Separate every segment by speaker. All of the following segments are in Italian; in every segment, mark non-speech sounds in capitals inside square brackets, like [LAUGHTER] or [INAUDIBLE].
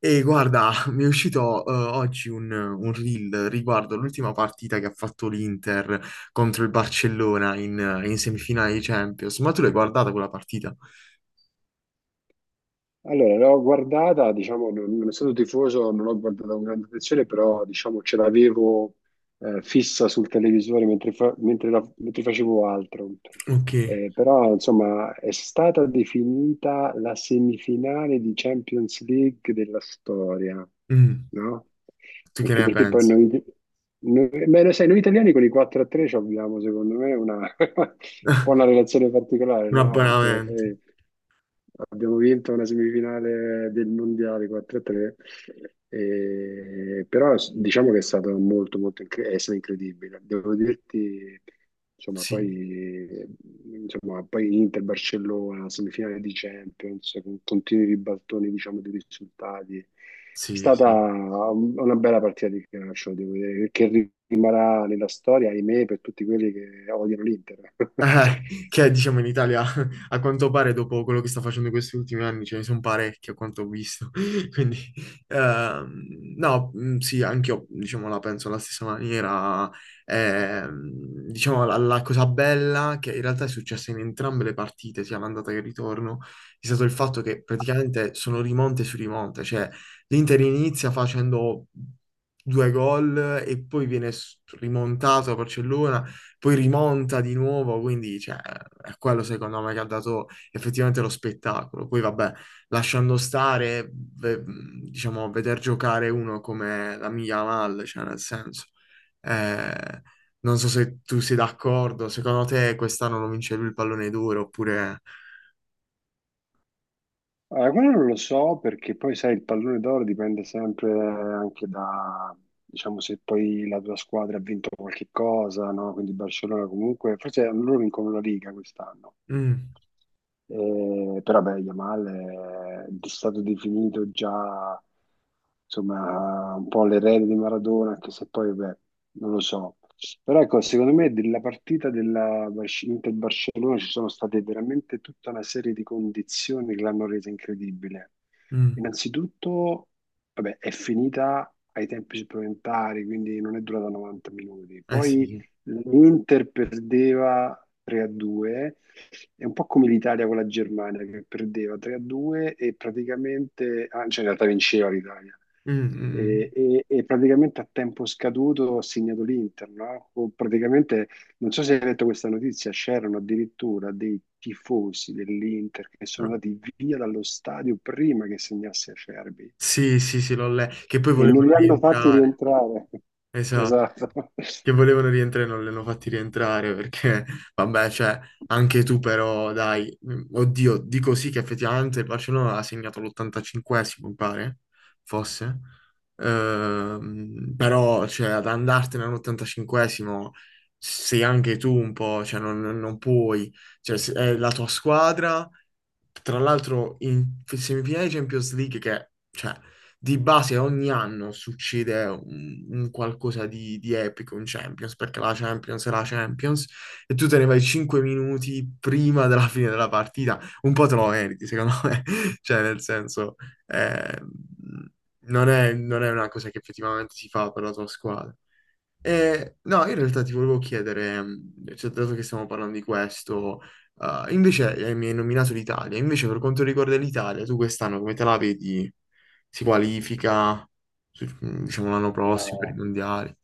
Speaker 1: E guarda, [LAUGHS] mi è uscito oggi un reel riguardo l'ultima partita che ha fatto l'Inter contro il Barcellona in semifinale di Champions. Ma tu l'hai guardata quella partita?
Speaker 2: Allora, l'ho guardata, diciamo, non essendo tifoso, non l'ho guardata con grande attenzione, però diciamo ce l'avevo fissa sul televisore mentre, mentre facevo altro.
Speaker 1: Ok.
Speaker 2: Però insomma è stata definita la semifinale di Champions League della storia,
Speaker 1: Mm,
Speaker 2: no?
Speaker 1: tu che
Speaker 2: Anche
Speaker 1: ne
Speaker 2: perché poi
Speaker 1: pensi?
Speaker 2: beh, lo sai, noi italiani con i 4-3 ci abbiamo secondo me una, [LAUGHS] un po' una
Speaker 1: [LAUGHS]
Speaker 2: relazione particolare,
Speaker 1: Un
Speaker 2: no? Perché
Speaker 1: abbonamento.
Speaker 2: poi abbiamo vinto una semifinale del mondiale 4-3 diciamo che è stato molto, è stato incredibile. Devo dirti, insomma,
Speaker 1: Sì,
Speaker 2: poi Inter, Barcellona, semifinale di Champions, con continui ribaltoni, diciamo, di risultati. È
Speaker 1: sì,
Speaker 2: stata
Speaker 1: sì.
Speaker 2: una bella partita di calcio, devo dire, che rimarrà nella storia, ahimè, per tutti quelli che odiano l'Inter. [LAUGHS]
Speaker 1: Che diciamo in Italia [LAUGHS] a quanto pare dopo quello che sta facendo in questi ultimi anni ce ne sono parecchi a quanto ho visto. [LAUGHS] Quindi no, mm, sì, anch'io diciamo la penso alla stessa maniera. Ehm, diciamo la cosa bella che in realtà è successa in entrambe le partite, sia l'andata che il ritorno, è stato il fatto che praticamente sono rimonte su rimonte, cioè l'Inter inizia facendo due gol e poi viene rimontato a Barcellona, poi rimonta di nuovo, quindi cioè, è quello secondo me che ha dato effettivamente lo spettacolo. Poi vabbè, lasciando stare, diciamo, veder giocare uno come la mia Yamal, cioè nel senso, eh, non so se tu sei d'accordo, secondo te quest'anno lo vince lui il pallone d'oro oppure...
Speaker 2: Allora, quello non lo so perché poi sai, il pallone d'oro dipende sempre anche da, diciamo, se poi la tua squadra ha vinto qualche cosa, no? Quindi Barcellona comunque, forse loro vincono la Liga quest'anno,
Speaker 1: Mm,
Speaker 2: però beh, Yamal è stato definito già insomma un po' l'erede di Maradona, anche se poi beh, non lo so. Però ecco, secondo me della partita della Inter-Barcellona ci sono state veramente tutta una serie di condizioni che l'hanno resa incredibile.
Speaker 1: mm,
Speaker 2: Innanzitutto, vabbè, è finita ai tempi supplementari, quindi non è durata 90 minuti.
Speaker 1: eh sì,
Speaker 2: Poi
Speaker 1: sì.
Speaker 2: l'Inter perdeva 3 a 2, è un po' come l'Italia con la Germania che perdeva 3-2 e praticamente, ah, cioè in realtà vinceva l'Italia,
Speaker 1: Mm, mm, mm.
Speaker 2: e praticamente a tempo scaduto ha segnato l'Inter, no? O praticamente, non so se hai letto questa notizia, c'erano addirittura dei tifosi dell'Inter che sono
Speaker 1: Ah,
Speaker 2: andati via dallo stadio prima che segnasse Acerbi
Speaker 1: sì, sì, sì, l'ho letto, che poi
Speaker 2: e
Speaker 1: volevano
Speaker 2: non li hanno fatti
Speaker 1: rientrare,
Speaker 2: rientrare. [LAUGHS]
Speaker 1: esatto.
Speaker 2: Esatto.
Speaker 1: Che volevano rientrare non li hanno fatti rientrare perché, [LAUGHS] vabbè, cioè, anche tu però, dai, mm, oddio, dico sì che effettivamente il Barcellona ha segnato l'85esimo, mi pare, fosse, però, cioè, ad andartene all'85esimo sei anche tu un po', cioè, non puoi, cioè, è la tua squadra, tra l'altro in semifinale di Champions League che, cioè, di base ogni anno succede un qualcosa di epico in Champions, perché la Champions è la Champions, e tu te ne vai 5 minuti prima della [LAUGHS] fine della partita, un po' te lo meriti, secondo me, [LAUGHS] cioè, nel senso, eh, non è una cosa che effettivamente si fa per la tua squadra. No, in realtà ti volevo chiedere, cioè, dato che stiamo parlando di questo, invece mi hai nominato l'Italia, invece per quanto riguarda l'Italia, tu quest'anno come te la vedi? Si qualifica, diciamo, l'anno prossimo per i
Speaker 2: No.
Speaker 1: mondiali?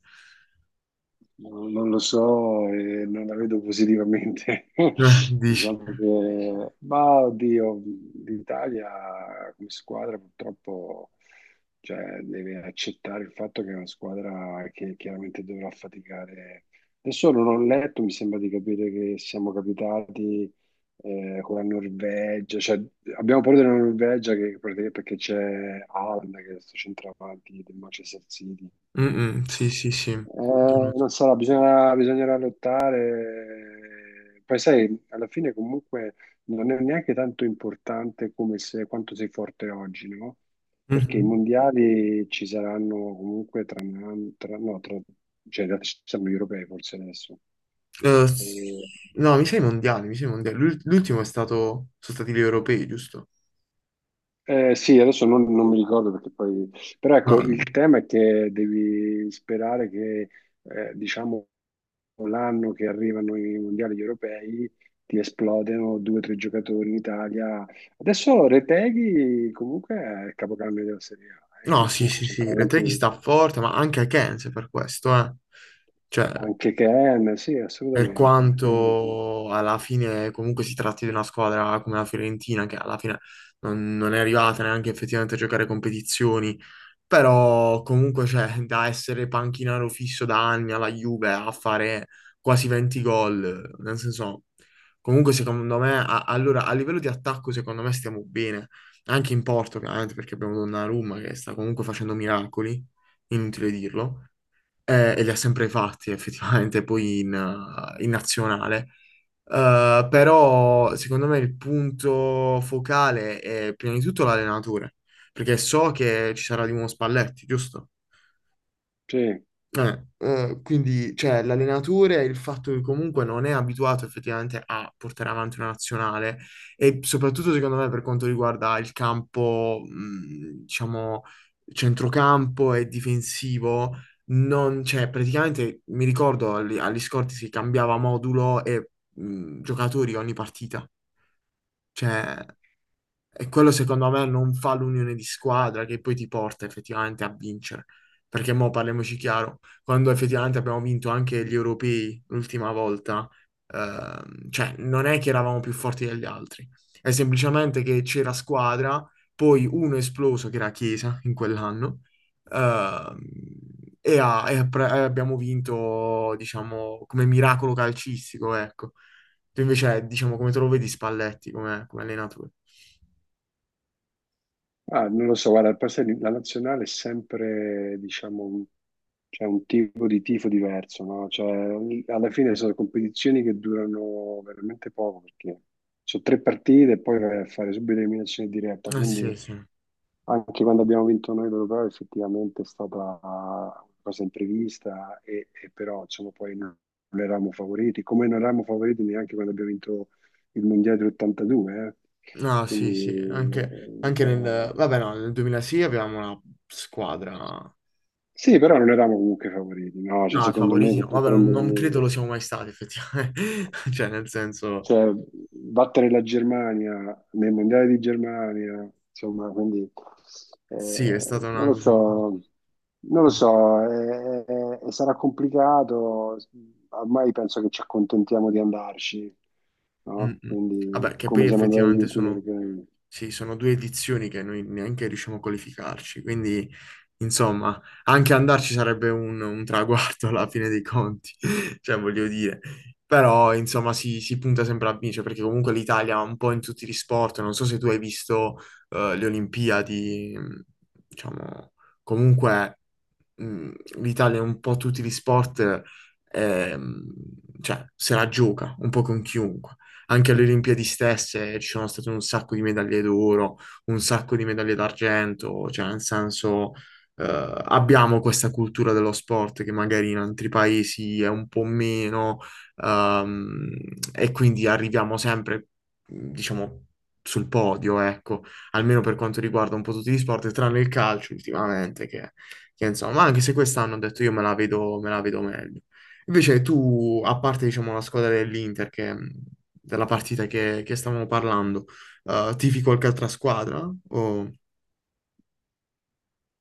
Speaker 2: Non lo so, e non la vedo positivamente. [LAUGHS]
Speaker 1: Dici?
Speaker 2: Diciamo che, ma oddio, l'Italia come squadra purtroppo cioè, deve accettare il fatto che è una squadra che chiaramente dovrà faticare. Adesso non ho letto, mi sembra di capire che siamo capitati con la Norvegia, cioè, abbiamo paura della Norvegia perché c'è Haaland che è questo centravanti del Manchester City.
Speaker 1: Mm, mm, sì, sì, sì.
Speaker 2: Eh, Non sarà, bisognerà lottare. Poi sai, alla fine comunque non è neanche tanto importante come se, quanto sei forte oggi, no? Perché i
Speaker 1: Mhm.
Speaker 2: mondiali ci saranno comunque tra, un anno- tra- no, tra, cioè, in realtà ci saranno gli europei forse adesso.
Speaker 1: Eh, s-
Speaker 2: E
Speaker 1: no, mi sa i mondiali, mi sa i mondiali. L'ultimo è stato, sono stati gli europei, giusto?
Speaker 2: Sì, adesso non mi ricordo perché poi... Però
Speaker 1: No,
Speaker 2: ecco, il
Speaker 1: no.
Speaker 2: tema è che devi sperare che, diciamo, l'anno che arrivano i mondiali europei ti esplodano due o tre giocatori in Italia. Adesso Reteghi comunque è il capocannoniere della Serie A,
Speaker 1: No,
Speaker 2: quindi
Speaker 1: sì,
Speaker 2: comunque
Speaker 1: sì,
Speaker 2: c'entra
Speaker 1: sì, Reteghi
Speaker 2: avanti
Speaker 1: sta forte, ma anche Akense per questo, eh. Cioè,
Speaker 2: anche Ken, sì,
Speaker 1: per
Speaker 2: assolutamente. Quindi,
Speaker 1: quanto alla fine comunque si tratti di una squadra come la Fiorentina, che alla fine non è arrivata neanche effettivamente a giocare competizioni, però comunque c'è da essere panchinaro fisso da anni alla Juve a fare quasi 20 gol, nel senso, comunque secondo me, allora a livello di attacco secondo me stiamo bene, anche in porto chiaramente perché abbiamo Donnarumma che sta comunque facendo miracoli, inutile dirlo, e li ha sempre fatti [LAUGHS] effettivamente poi in, in nazionale. Però secondo me il punto focale è prima di tutto l'allenatore, perché so che ci sarà di nuovo Spalletti, giusto?
Speaker 2: sì.
Speaker 1: Quindi cioè, l'allenatore e il fatto che comunque non è abituato effettivamente a portare avanti una nazionale e soprattutto secondo me per quanto riguarda il campo, diciamo, centrocampo e difensivo, non, cioè, praticamente mi ricordo agli scorti si cambiava modulo e giocatori ogni partita. Cioè, e quello secondo me non fa l'unione di squadra che poi ti porta effettivamente a vincere. Perché mo parliamoci chiaro, quando effettivamente abbiamo vinto anche gli europei l'ultima volta, cioè non è che eravamo più forti degli altri, è semplicemente che c'era squadra, poi uno è esploso che era Chiesa in quell'anno, ehm, e abbiamo vinto, diciamo, come miracolo calcistico, ecco. Tu invece, diciamo, come te lo vedi Spalletti come, come allenatore?
Speaker 2: Ah, non lo so, guarda, poi sai, la nazionale è sempre, diciamo, un, c'è un tipo di tifo diverso, no? Cioè, alla fine sono competizioni che durano veramente poco, perché sono tre partite e poi vai a fare subito eliminazione diretta,
Speaker 1: Eh sì,
Speaker 2: quindi
Speaker 1: sì.
Speaker 2: anche quando abbiamo vinto noi l'Europeo effettivamente è stata una cosa imprevista, e però insomma, poi non eravamo favoriti, come non eravamo favoriti neanche quando abbiamo vinto il Mondiale del 82, eh?
Speaker 1: No, sì, sì,
Speaker 2: Quindi,
Speaker 1: anche, anche
Speaker 2: cioè,
Speaker 1: nel... Vabbè, no, nel 2000 sì avevamo una squadra...
Speaker 2: sì, però non eravamo comunque favoriti, no? Cioè,
Speaker 1: No, i
Speaker 2: secondo me
Speaker 1: favoriti no,
Speaker 2: se tu
Speaker 1: vabbè,
Speaker 2: prendi,
Speaker 1: non credo lo siamo mai stati, effettivamente. [LAUGHS] Cioè, nel senso,
Speaker 2: cioè, battere la Germania nel mondiale di Germania, insomma, quindi,
Speaker 1: sì, è stata
Speaker 2: non
Speaker 1: una
Speaker 2: lo
Speaker 1: cosa...
Speaker 2: so, non lo so, sarà complicato, ormai penso che ci accontentiamo di andarci,
Speaker 1: Mm,
Speaker 2: no?
Speaker 1: mm. Vabbè,
Speaker 2: Quindi,
Speaker 1: che poi
Speaker 2: come siamo andati agli
Speaker 1: effettivamente
Speaker 2: ultimi
Speaker 1: sono,
Speaker 2: europei.
Speaker 1: sì, sono due edizioni che noi neanche riusciamo a qualificarci, quindi insomma, anche andarci sarebbe un traguardo alla fine dei conti, [LAUGHS] cioè voglio dire, però insomma si punta sempre a vincere perché comunque l'Italia un po' in tutti gli sport, non so se tu hai visto le Olimpiadi, diciamo, comunque mh, l'Italia in un po' tutti gli sport ehm, cioè, se la gioca un po' con chiunque. Anche alle Olimpiadi stesse ci sono state un sacco di medaglie d'oro, un sacco di medaglie d'argento, cioè nel senso abbiamo questa cultura dello sport che magari in altri paesi è un po' meno, ehm, e quindi arriviamo sempre, diciamo, sul podio, ecco, almeno per quanto riguarda un po' tutti gli sport, tranne il calcio ultimamente, che insomma, anche se quest'anno ho detto io me la vedo meglio. Invece tu, a parte, diciamo, la squadra dell'Inter, che, della partita che stavamo parlando, tifi qualche altra squadra? O...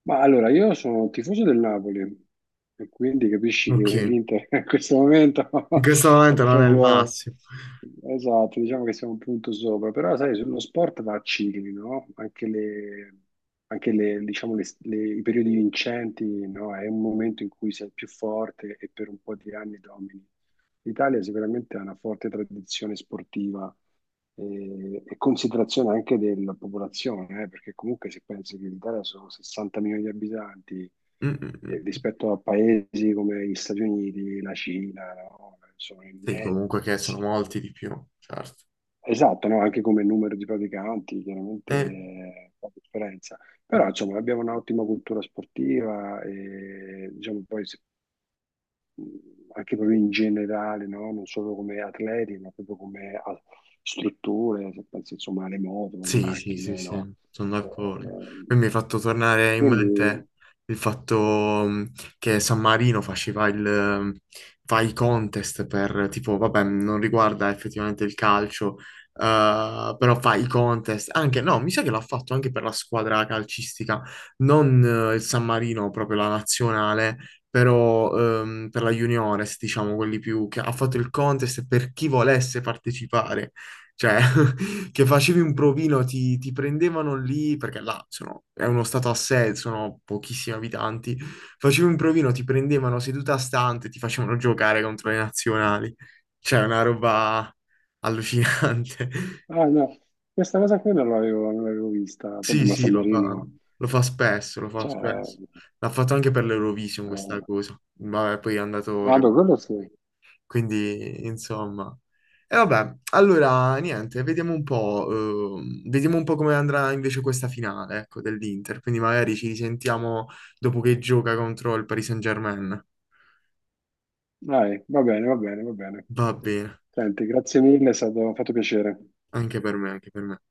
Speaker 2: Ma allora, io sono tifoso del Napoli e quindi capisci che
Speaker 1: Ok.
Speaker 2: l'Inter [LAUGHS] in questo momento
Speaker 1: In
Speaker 2: [LAUGHS]
Speaker 1: questo
Speaker 2: è
Speaker 1: momento non è il
Speaker 2: proprio
Speaker 1: massimo.
Speaker 2: esatto, diciamo che siamo un punto sopra, però sai, sullo sport va a cicli, no? Diciamo, i periodi vincenti, no? È un momento in cui sei più forte e per un po' di anni domini. L'Italia sicuramente ha una forte tradizione sportiva e considerazione anche della popolazione, perché comunque se pensi che l'Italia sono 60 milioni di abitanti
Speaker 1: Mm, mm, mm.
Speaker 2: rispetto a paesi come gli Stati Uniti, la Cina, no? Sono
Speaker 1: Sì, comunque che sono
Speaker 2: immensi.
Speaker 1: molti di più, certo.
Speaker 2: Esatto, no? Anche come numero di praticanti, chiaramente
Speaker 1: E
Speaker 2: fa differenza. Però insomma abbiamo un'ottima cultura sportiva e diciamo poi se anche proprio in generale, no? Non solo come atleti, ma proprio come strutture, se pensi insomma alle moto, alle
Speaker 1: sì, sì, sì,
Speaker 2: macchine,
Speaker 1: sì,
Speaker 2: no?
Speaker 1: sono
Speaker 2: Eh,
Speaker 1: d'accordo.
Speaker 2: eh,
Speaker 1: Poi mi hai fatto tornare in
Speaker 2: quindi,
Speaker 1: mente il fatto mh, che San Marino faceva il, fa i contest per, tipo, vabbè, non riguarda effettivamente il calcio, però fa i contest, anche, no, mi sa che l'ha fatto anche per la squadra calcistica, non il San Marino, proprio la nazionale, però per la juniores, diciamo, quelli più, che ha fatto il contest per chi volesse partecipare. Cioè, che facevi un provino, ti prendevano lì, perché è uno stato a sé, sono pochissimi abitanti, facevi un provino, ti prendevano seduta stante, ti facevano giocare contro le nazionali. Cioè, una roba allucinante. [LAUGHS]
Speaker 2: ah no, questa cosa qui non l'avevo vista,
Speaker 1: Sì,
Speaker 2: proprio ma
Speaker 1: sì,
Speaker 2: San Marino,
Speaker 1: lo fa spesso, lo fa
Speaker 2: cioè,
Speaker 1: spesso. L'ha fatto anche per l'Eurovision questa cosa. Vabbè, poi è andato...
Speaker 2: ah, beh, quello sì,
Speaker 1: Quindi, insomma. E vabbè, allora niente, vediamo un po' come andrà invece questa finale, ecco, dell'Inter. Quindi magari ci risentiamo dopo che gioca contro il Paris Saint-Germain.
Speaker 2: dai, va bene, va bene.
Speaker 1: Va bene,
Speaker 2: Senti, grazie mille, è stato, fatto piacere.
Speaker 1: anche per me, anche per me.